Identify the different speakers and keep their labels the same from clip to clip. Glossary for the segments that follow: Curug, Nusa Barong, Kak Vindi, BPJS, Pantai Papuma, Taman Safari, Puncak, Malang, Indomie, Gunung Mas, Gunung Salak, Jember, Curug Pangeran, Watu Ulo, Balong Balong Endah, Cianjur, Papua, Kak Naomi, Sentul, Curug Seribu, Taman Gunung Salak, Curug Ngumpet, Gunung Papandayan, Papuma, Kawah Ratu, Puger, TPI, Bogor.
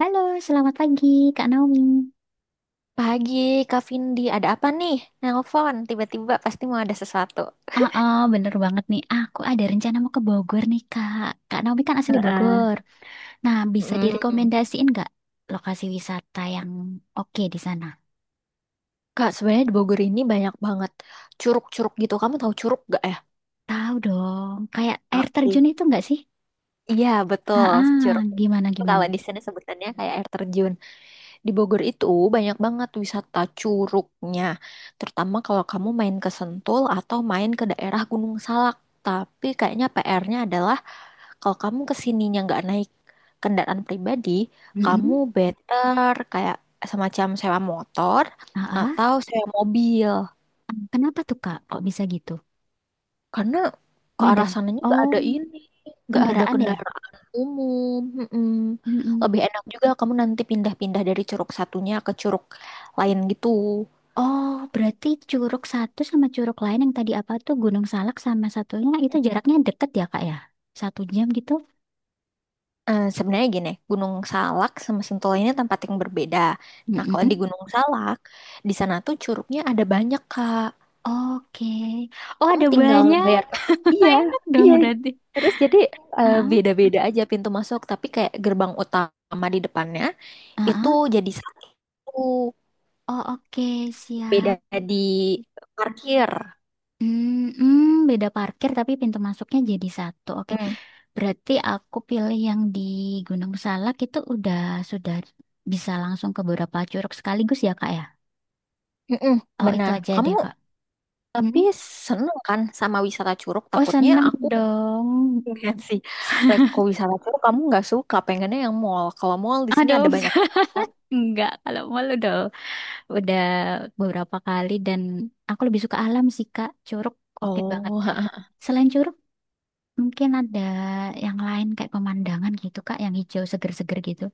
Speaker 1: Halo, selamat pagi Kak Naomi.
Speaker 2: Pagi, Kak Vindi, ada apa nih? Nelpon, tiba-tiba pasti mau ada sesuatu.
Speaker 1: Bener banget nih. Aku ada rencana mau ke Bogor nih Kak. Kak Naomi kan asli
Speaker 2: Heeh.
Speaker 1: Bogor. Nah, bisa
Speaker 2: Mm.
Speaker 1: direkomendasiin nggak lokasi wisata yang oke di sana?
Speaker 2: Kak, sebenarnya di Bogor ini banyak banget curug-curug gitu. Kamu tahu curug gak ya?
Speaker 1: Tahu dong, kayak air
Speaker 2: Oke.
Speaker 1: terjun itu nggak sih?
Speaker 2: Iya,
Speaker 1: Ah,
Speaker 2: betul.
Speaker 1: ah,
Speaker 2: Curug.
Speaker 1: gimana gimana?
Speaker 2: Kalau di sini sebutannya kayak air terjun. Di Bogor itu banyak banget wisata curugnya. Terutama kalau kamu main ke Sentul atau main ke daerah Gunung Salak. Tapi kayaknya PR-nya adalah kalau kamu kesininya nggak naik kendaraan pribadi, kamu
Speaker 1: Mm-mm.
Speaker 2: better kayak semacam sewa motor
Speaker 1: Ah, ah.
Speaker 2: atau sewa mobil.
Speaker 1: Kenapa tuh Kak? Kok bisa gitu?
Speaker 2: Karena ke arah
Speaker 1: Medan.
Speaker 2: sananya nggak
Speaker 1: Oh,
Speaker 2: ada ini, nggak ada
Speaker 1: kendaraan ya?
Speaker 2: kendaraan umum. Mm-mm.
Speaker 1: Mm-mm.
Speaker 2: Lebih enak juga kamu nanti pindah-pindah dari curug satunya ke curug lain gitu.
Speaker 1: Oh, berarti Curug satu sama Curug lain yang tadi apa tuh Gunung Salak sama satunya itu jaraknya deket ya Kak ya? 1 jam gitu?
Speaker 2: Sebenarnya gini, Gunung Salak sama Sentul ini tempat yang berbeda. Nah, kalau di
Speaker 1: Mm-mm.
Speaker 2: Gunung Salak, di sana tuh curugnya ada banyak, Kak.
Speaker 1: Oke. Oh,
Speaker 2: Kamu
Speaker 1: ada
Speaker 2: tinggal
Speaker 1: banyak.
Speaker 2: bayar paket. Iya,
Speaker 1: Enak dong
Speaker 2: iya.
Speaker 1: berarti.
Speaker 2: Terus jadi
Speaker 1: Ah,
Speaker 2: beda-beda aja pintu masuk, tapi kayak gerbang utama di depannya
Speaker 1: ah,
Speaker 2: itu
Speaker 1: ah.
Speaker 2: jadi satu,
Speaker 1: Oh, oke.
Speaker 2: beda
Speaker 1: Siap.
Speaker 2: di parkir.
Speaker 1: Hmm, hmm, beda parkir tapi pintu masuknya jadi satu. Oke.
Speaker 2: Hmm.
Speaker 1: Berarti aku pilih yang di Gunung Salak itu sudah bisa langsung ke beberapa curug sekaligus ya, Kak ya?
Speaker 2: Mm-mm,
Speaker 1: Oh, itu
Speaker 2: benar.
Speaker 1: aja deh,
Speaker 2: Kamu
Speaker 1: Kak.
Speaker 2: tapi
Speaker 1: Hmm?
Speaker 2: seneng kan sama wisata Curug?
Speaker 1: Oh,
Speaker 2: Takutnya
Speaker 1: seneng
Speaker 2: aku
Speaker 1: dong.
Speaker 2: pengen sih reko wisata Curug kamu nggak suka, pengennya yang mall. Kalau mall di sini
Speaker 1: Aduh,
Speaker 2: ada banyak.
Speaker 1: enggak, enggak. Kalau mau udah beberapa kali dan aku lebih suka alam sih, Kak. Curug oke banget.
Speaker 2: Oh,
Speaker 1: Selain curug, mungkin ada yang lain kayak pemandangan gitu, Kak, yang hijau seger-seger gitu.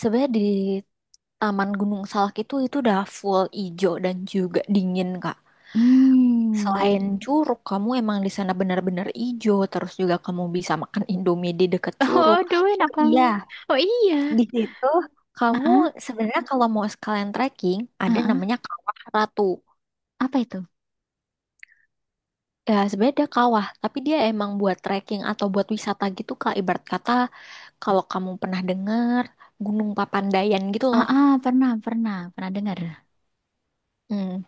Speaker 2: sebenarnya di Taman Gunung Salak itu udah full ijo dan juga dingin, Kak.
Speaker 1: Hmm.
Speaker 2: Selain curug, kamu emang di sana benar-benar ijo. Terus juga kamu bisa makan Indomie di dekat curug.
Speaker 1: Oh, duh, enak.
Speaker 2: Oh iya,
Speaker 1: Oh iya.
Speaker 2: di situ kamu
Speaker 1: Heeh,
Speaker 2: sebenarnya kalau mau sekalian trekking, ada
Speaker 1: heeh.
Speaker 2: namanya Kawah Ratu.
Speaker 1: Apa itu?
Speaker 2: Ya, sebenarnya ada kawah, tapi dia emang buat trekking atau buat wisata gitu, Kak. Ibarat kata, kalau kamu pernah dengar Gunung Papandayan gitu loh.
Speaker 1: Pernah, pernah, pernah dengar.
Speaker 2: Hmm,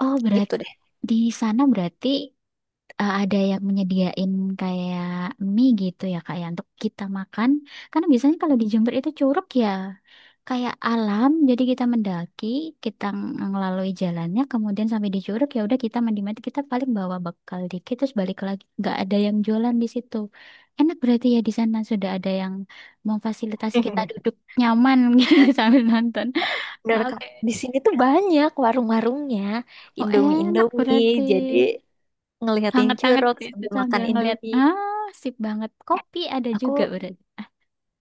Speaker 1: Oh,
Speaker 2: gitu
Speaker 1: berarti
Speaker 2: deh.
Speaker 1: di sana berarti eh, ada yang menyediain kayak mie gitu ya kak ya untuk kita makan karena biasanya kalau di Jember itu curug ya kayak alam jadi kita mendaki kita ngelalui jalannya kemudian sampai di curug ya udah kita mandi mandi kita paling bawa bekal dikit terus balik lagi nggak ada yang jualan di situ. Enak berarti ya di sana sudah ada yang memfasilitasi kita duduk nyaman gitu sambil nonton.
Speaker 2: Bener, Kak.
Speaker 1: Oke.
Speaker 2: Di sini tuh banyak warung-warungnya,
Speaker 1: Oh, enak
Speaker 2: Indomie-Indomie.
Speaker 1: berarti.
Speaker 2: Jadi ngeliatin
Speaker 1: Hangat-hangat
Speaker 2: curug
Speaker 1: itu
Speaker 2: sambil makan
Speaker 1: sambil ngelihat.
Speaker 2: Indomie.
Speaker 1: Ah, sip banget. Kopi ada
Speaker 2: Aku
Speaker 1: juga berarti. Ah,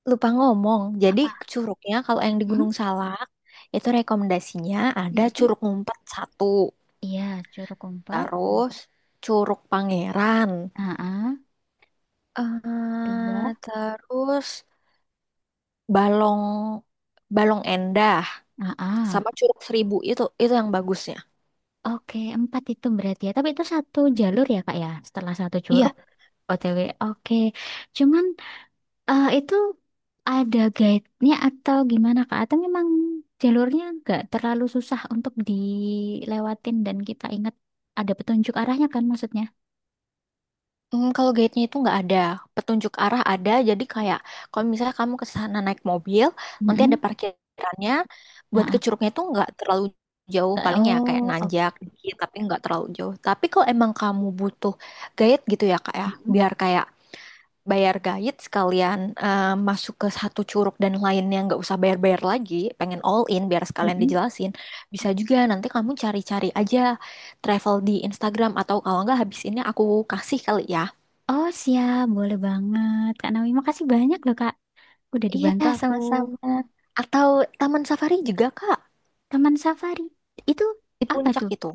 Speaker 2: lupa ngomong. Jadi
Speaker 1: apa?
Speaker 2: curugnya kalau yang di
Speaker 1: Mm-mm.
Speaker 2: Gunung Salak itu rekomendasinya ada
Speaker 1: Mm-mm.
Speaker 2: curug ngumpet satu,
Speaker 1: Iya, jeruk kompas.
Speaker 2: terus curug Pangeran,
Speaker 1: Ah, ah. Dua.
Speaker 2: terus balong balong endah
Speaker 1: Ah,
Speaker 2: sama
Speaker 1: ah.
Speaker 2: curug seribu itu yang bagusnya.
Speaker 1: Oke, empat itu berarti ya. Tapi itu satu jalur ya, Kak ya. Setelah satu curug,
Speaker 2: Iya,
Speaker 1: OTW. Oke. Cuman eh, itu ada guide-nya atau gimana, Kak? Atau memang jalurnya nggak terlalu susah untuk dilewatin dan kita ingat ada petunjuk arahnya kan maksudnya?
Speaker 2: hmm, kalau guide-nya itu nggak ada, petunjuk arah ada. Jadi kayak kalau misalnya kamu ke sana naik mobil, nanti ada
Speaker 1: Mm-mm.
Speaker 2: parkirannya.
Speaker 1: Ah,
Speaker 2: Buat ke
Speaker 1: ah.
Speaker 2: curugnya itu nggak terlalu jauh, paling ya kayak
Speaker 1: Oh,
Speaker 2: nanjak dikit, tapi nggak terlalu jauh. Tapi kalau emang kamu butuh guide gitu ya kak ya,
Speaker 1: mm-mm,
Speaker 2: biar kayak bayar guide sekalian, masuk ke satu curug dan lainnya nggak usah bayar-bayar lagi, pengen all in biar sekalian
Speaker 1: mm-mm.
Speaker 2: dijelasin. Bisa juga nanti kamu cari-cari aja travel di Instagram atau kalau nggak habis ini aku kasih kali ya.
Speaker 1: Oh, siap, boleh banget. Kak Naomi makasih banyak loh Kak. Udah
Speaker 2: Iya,
Speaker 1: dibantu aku.
Speaker 2: sama-sama. Atau Taman Safari juga, Kak.
Speaker 1: Taman Safari, itu
Speaker 2: Di
Speaker 1: apa
Speaker 2: puncak
Speaker 1: tuh?
Speaker 2: itu.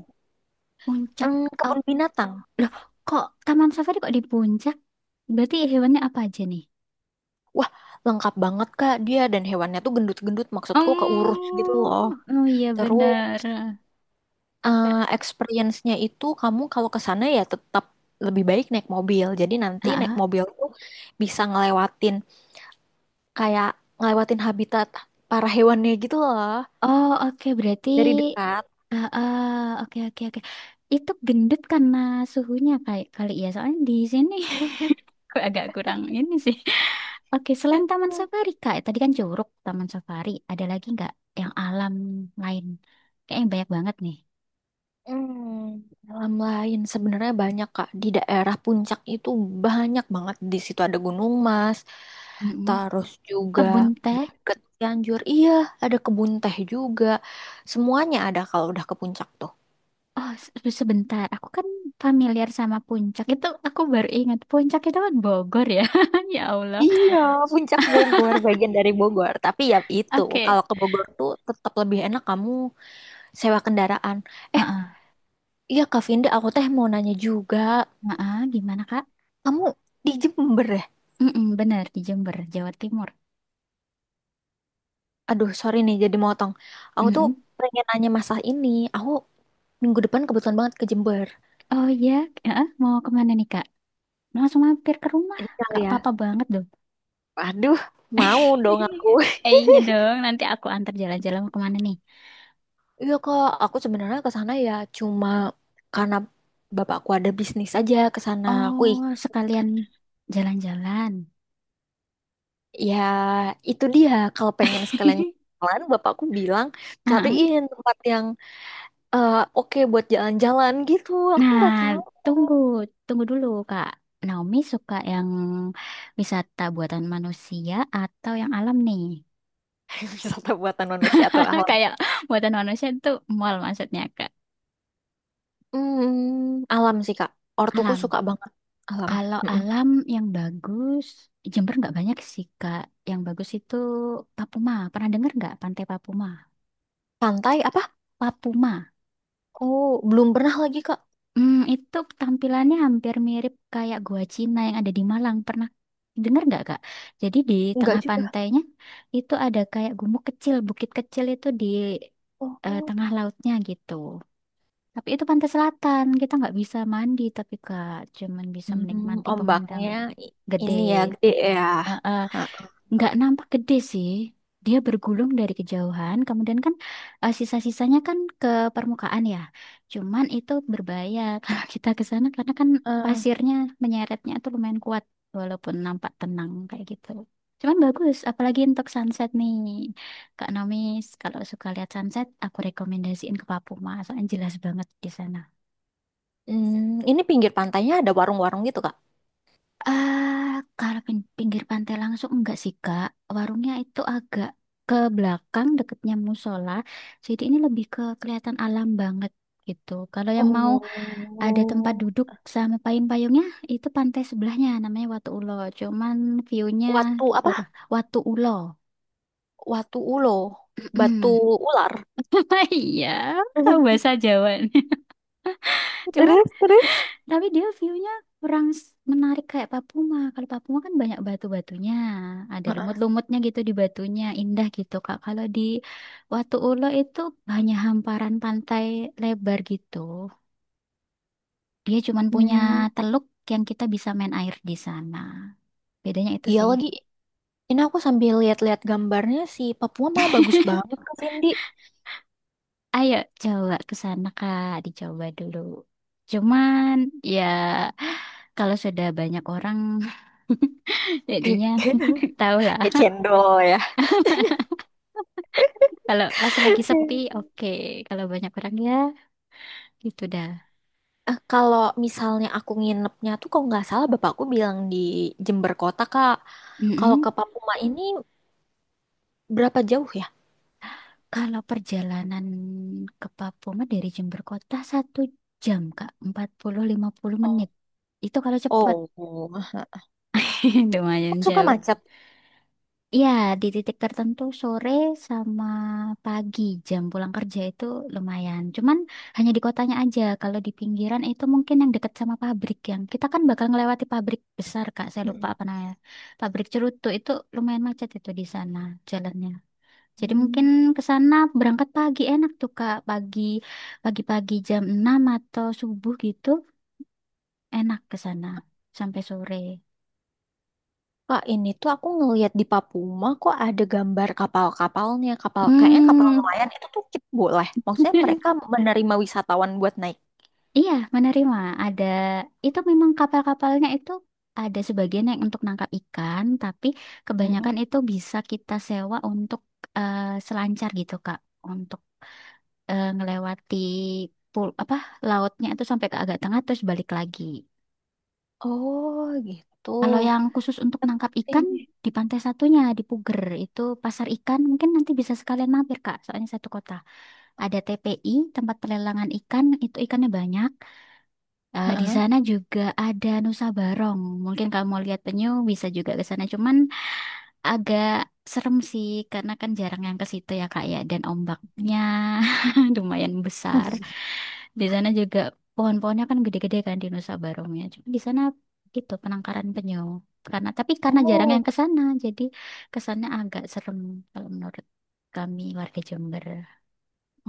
Speaker 1: Puncak.
Speaker 2: Hmm,
Speaker 1: Oh,
Speaker 2: kebun binatang.
Speaker 1: loh, kok Taman Safari kok di puncak? Berarti hewannya apa aja nih?
Speaker 2: Wah, lengkap banget, Kak. Dia dan hewannya tuh gendut-gendut. Maksudku keurus gitu loh.
Speaker 1: Oh, oh iya
Speaker 2: Terus,
Speaker 1: benar.
Speaker 2: experience-nya itu kamu kalau ke sana ya tetap lebih baik naik mobil. Jadi nanti naik
Speaker 1: Ah.
Speaker 2: mobil tuh bisa ngelewatin kayak ngelewatin habitat para hewannya gitu loh.
Speaker 1: Oh, oke, berarti...
Speaker 2: Dari dekat.
Speaker 1: ah ah, oke, oke, oke. Itu gendut karena suhunya kayak kali ya. Soalnya di sini agak kurang ini sih. Oke, selain Taman Safari, Kak, tadi kan Curug, Taman Safari, ada lagi nggak yang alam lain? Kayaknya banyak banget nih.
Speaker 2: Hmm, alam lain sebenarnya banyak Kak. Di daerah puncak itu banyak banget. Di situ ada Gunung Mas,
Speaker 1: Mm-mm.
Speaker 2: terus juga
Speaker 1: Kebun teh.
Speaker 2: ke Cianjur. Iya, ada kebun teh juga. Semuanya ada kalau udah ke puncak tuh.
Speaker 1: Oh, sebentar. Aku kan familiar sama Puncak. Itu aku baru ingat. Puncak itu kan Bogor ya. Ya Allah.
Speaker 2: Iya, puncak Bogor, bagian dari Bogor. Tapi ya itu,
Speaker 1: Oke.
Speaker 2: kalau ke Bogor tuh tetap lebih enak kamu sewa kendaraan. Eh,
Speaker 1: Heeh.
Speaker 2: iya Kak Vinda, aku teh mau nanya juga.
Speaker 1: Heeh, gimana, Kak?
Speaker 2: Kamu di Jember ya?
Speaker 1: Mm-mm, benar, di Jember, Jawa Timur.
Speaker 2: Aduh, sorry nih jadi motong. Aku tuh
Speaker 1: Mm-mm.
Speaker 2: pengen nanya masalah ini. Aku minggu depan kebetulan banget ke Jember.
Speaker 1: Oh iya, heeh, mau kemana nih, Kak? Langsung mampir ke rumah.
Speaker 2: Ini kali
Speaker 1: Kak
Speaker 2: ya.
Speaker 1: papa apa banget.
Speaker 2: Aduh, mau dong aku.
Speaker 1: Eh, iya dong, nanti aku antar jalan-jalan mau kemana nih?
Speaker 2: Iya kak, aku sebenarnya ke sana ya cuma karena bapakku ada bisnis aja ke sana. Aku
Speaker 1: Oh,
Speaker 2: ikut.
Speaker 1: sekalian jalan-jalan.
Speaker 2: Ya, itu dia. Kalau pengen sekalian jalan, bapakku bilang
Speaker 1: Heeh.
Speaker 2: cariin tempat yang, oke buat jalan-jalan gitu. Aku
Speaker 1: Nah,
Speaker 2: nggak tahu,
Speaker 1: tunggu, tunggu dulu, Kak. Naomi suka yang wisata buatan manusia atau yang alam nih?
Speaker 2: wisata buatan manusia atau alam.
Speaker 1: Kayak buatan manusia itu mall maksudnya, Kak.
Speaker 2: Hmm, alam sih Kak. Ortuku
Speaker 1: Alam.
Speaker 2: suka banget alam.
Speaker 1: Kalau
Speaker 2: Mm-mm.
Speaker 1: alam yang bagus, Jember nggak banyak sih, Kak. Yang bagus itu Papuma. Pernah dengar nggak Pantai Papuma?
Speaker 2: Pantai apa?
Speaker 1: Papuma.
Speaker 2: Oh, belum pernah lagi Kak.
Speaker 1: Hmm, itu tampilannya hampir mirip kayak gua Cina yang ada di Malang. Pernah dengar nggak, Kak? Jadi di tengah
Speaker 2: Enggak juga.
Speaker 1: pantainya itu ada kayak gumuk kecil, bukit kecil itu di eh,
Speaker 2: Oh,
Speaker 1: tengah lautnya gitu. Tapi itu pantai selatan, kita nggak bisa mandi tapi Kak, cuman bisa
Speaker 2: hmm,
Speaker 1: menikmati
Speaker 2: ombaknya
Speaker 1: pemandangan
Speaker 2: i-
Speaker 1: gede.
Speaker 2: ini ya gede ya. Ha.
Speaker 1: Nggak nampak gede sih. Dia bergulung dari kejauhan, kemudian kan eh, sisa-sisanya kan ke permukaan ya. Cuman itu berbahaya kalau kita ke sana karena kan
Speaker 2: Eh,
Speaker 1: pasirnya menyeretnya tuh lumayan kuat walaupun nampak tenang kayak gitu. Cuman bagus, apalagi untuk sunset nih. Kak Nomis, kalau suka lihat sunset, aku rekomendasiin ke Papua, soalnya jelas banget di sana.
Speaker 2: ini pinggir pantainya ada warung-warung gitu Kak.
Speaker 1: Eh, kalau pinggir pantai langsung enggak sih, Kak. Warungnya itu agak ke belakang deketnya musola. Jadi ini lebih ke kelihatan alam banget gitu. Kalau yang mau ada tempat
Speaker 2: Oh,
Speaker 1: duduk sama payung-payungnya itu pantai sebelahnya namanya Watu Ulo. Cuman view-nya
Speaker 2: Watu apa?
Speaker 1: kurang. Watu Ulo.
Speaker 2: Watu ulo, batu
Speaker 1: Mm-mm.
Speaker 2: ular.
Speaker 1: Iya, tahu bahasa Jawa. Cuma,
Speaker 2: Terus, terus.
Speaker 1: tapi dia view-nya kurang menarik kayak Papua. Kalau Papua kan banyak batu-batunya, ada
Speaker 2: Heeh.
Speaker 1: lumut-lumutnya gitu di batunya, indah gitu Kak. Kalau di Watu Ulo itu hanya hamparan pantai lebar gitu. Dia cuman punya
Speaker 2: Hmm,
Speaker 1: teluk yang kita bisa main air di sana. Bedanya itu
Speaker 2: iya
Speaker 1: sih.
Speaker 2: lagi. Ini aku sambil lihat-lihat gambarnya si Papua mah bagus banget Kak Vindi.
Speaker 1: Ayo coba ke sana Kak, dicoba dulu. Cuman ya kalau sudah banyak orang jadinya tahulah.
Speaker 2: Kayak cendol ya.
Speaker 1: Kalau pas lagi sepi, oke. Kalau banyak orang ya, gitu dah.
Speaker 2: Kalau misalnya aku nginepnya tuh kalau nggak salah bapakku bilang di Jember Kota, Kak. Kalau
Speaker 1: Mm-mm.
Speaker 2: ke Papua ini berapa jauh ya?
Speaker 1: Kalau perjalanan ke Papua mah dari Jember Kota 1 jam, Kak. 40-50 menit. Itu kalau cepat.
Speaker 2: Oh, kok
Speaker 1: Lumayan
Speaker 2: suka
Speaker 1: jauh.
Speaker 2: macet.
Speaker 1: Iya, di titik tertentu sore sama pagi jam pulang kerja itu lumayan. Cuman hanya di kotanya aja. Kalau di pinggiran itu mungkin yang dekat sama pabrik yang kita kan bakal ngelewati pabrik besar, Kak. Saya lupa
Speaker 2: Mm.
Speaker 1: apa namanya. Pabrik Cerutu itu lumayan macet itu di sana jalannya. Jadi mungkin
Speaker 2: Hmm.
Speaker 1: ke sana berangkat pagi enak tuh, Kak. Pagi pagi-pagi jam 6 atau subuh gitu enak ke sana sampai sore.
Speaker 2: Kak, ini tuh aku ngelihat di Papuma kok ada gambar kapal-kapalnya. Kapal kayaknya kapal
Speaker 1: Hmm.
Speaker 2: nelayan itu tuh kita boleh. Maksudnya mereka menerima wisatawan buat naik.
Speaker 1: Iya, menerima. Ada itu memang kapal-kapalnya itu ada sebagian yang untuk nangkap ikan, tapi
Speaker 2: Mhm.
Speaker 1: kebanyakan itu bisa kita sewa untuk eh, selancar gitu, Kak, untuk eh, ngelewati pul apa lautnya itu sampai ke agak tengah terus balik lagi.
Speaker 2: Oh, gitu.
Speaker 1: Kalau yang khusus untuk
Speaker 2: Aku.
Speaker 1: nangkap ikan di pantai satunya di Puger itu pasar ikan mungkin nanti bisa sekalian mampir, Kak, soalnya satu kota. Ada TPI, tempat pelelangan ikan, itu ikannya banyak. Eh, di
Speaker 2: Heeh.
Speaker 1: sana juga ada Nusa Barong. Mungkin kamu lihat penyu bisa juga ke sana. Cuman agak serem sih karena kan jarang yang ke situ ya Kak ya. Dan ombaknya lumayan besar. Di sana juga pohon-pohonnya kan gede-gede kan di Nusa Barongnya. Cuma di sana itu penangkaran penyu. Karena tapi karena jarang
Speaker 2: Oh.
Speaker 1: yang ke sana, jadi kesannya agak serem kalau menurut kami warga Jember.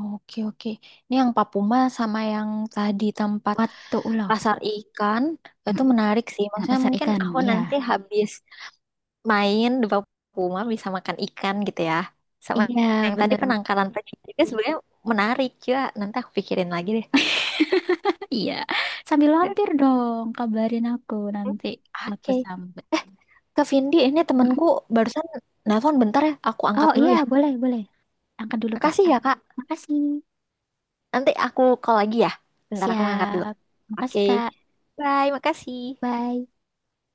Speaker 2: Oke, oke. Ini yang Papuma sama yang tadi tempat
Speaker 1: Watu Ulo.
Speaker 2: pasar ikan itu
Speaker 1: Mm-mm.
Speaker 2: menarik sih. Maksudnya
Speaker 1: Pasar
Speaker 2: mungkin
Speaker 1: ikan,
Speaker 2: aku nanti
Speaker 1: ya.
Speaker 2: habis main di Papuma bisa makan ikan gitu ya. Sama
Speaker 1: Iya,
Speaker 2: yang tadi
Speaker 1: bener.
Speaker 2: penangkaran tadi juga sebenarnya menarik juga. Nanti aku pikirin lagi deh.
Speaker 1: Iya, sambil
Speaker 2: Mm.
Speaker 1: lampir dong, kabarin aku nanti aku
Speaker 2: Oke.
Speaker 1: sambut.
Speaker 2: Ke Vindi, ini temanku
Speaker 1: Mm-mm.
Speaker 2: barusan nelpon bentar ya. Aku angkat
Speaker 1: Oh
Speaker 2: dulu
Speaker 1: iya,
Speaker 2: ya.
Speaker 1: boleh, boleh. Angkat dulu, Kak.
Speaker 2: Makasih ya, Kak.
Speaker 1: Makasih.
Speaker 2: Nanti aku call lagi ya. Bentar aku ngangkat dulu.
Speaker 1: Siap.
Speaker 2: Oke.
Speaker 1: Makasih, Kak.
Speaker 2: Bye, makasih.
Speaker 1: Bye.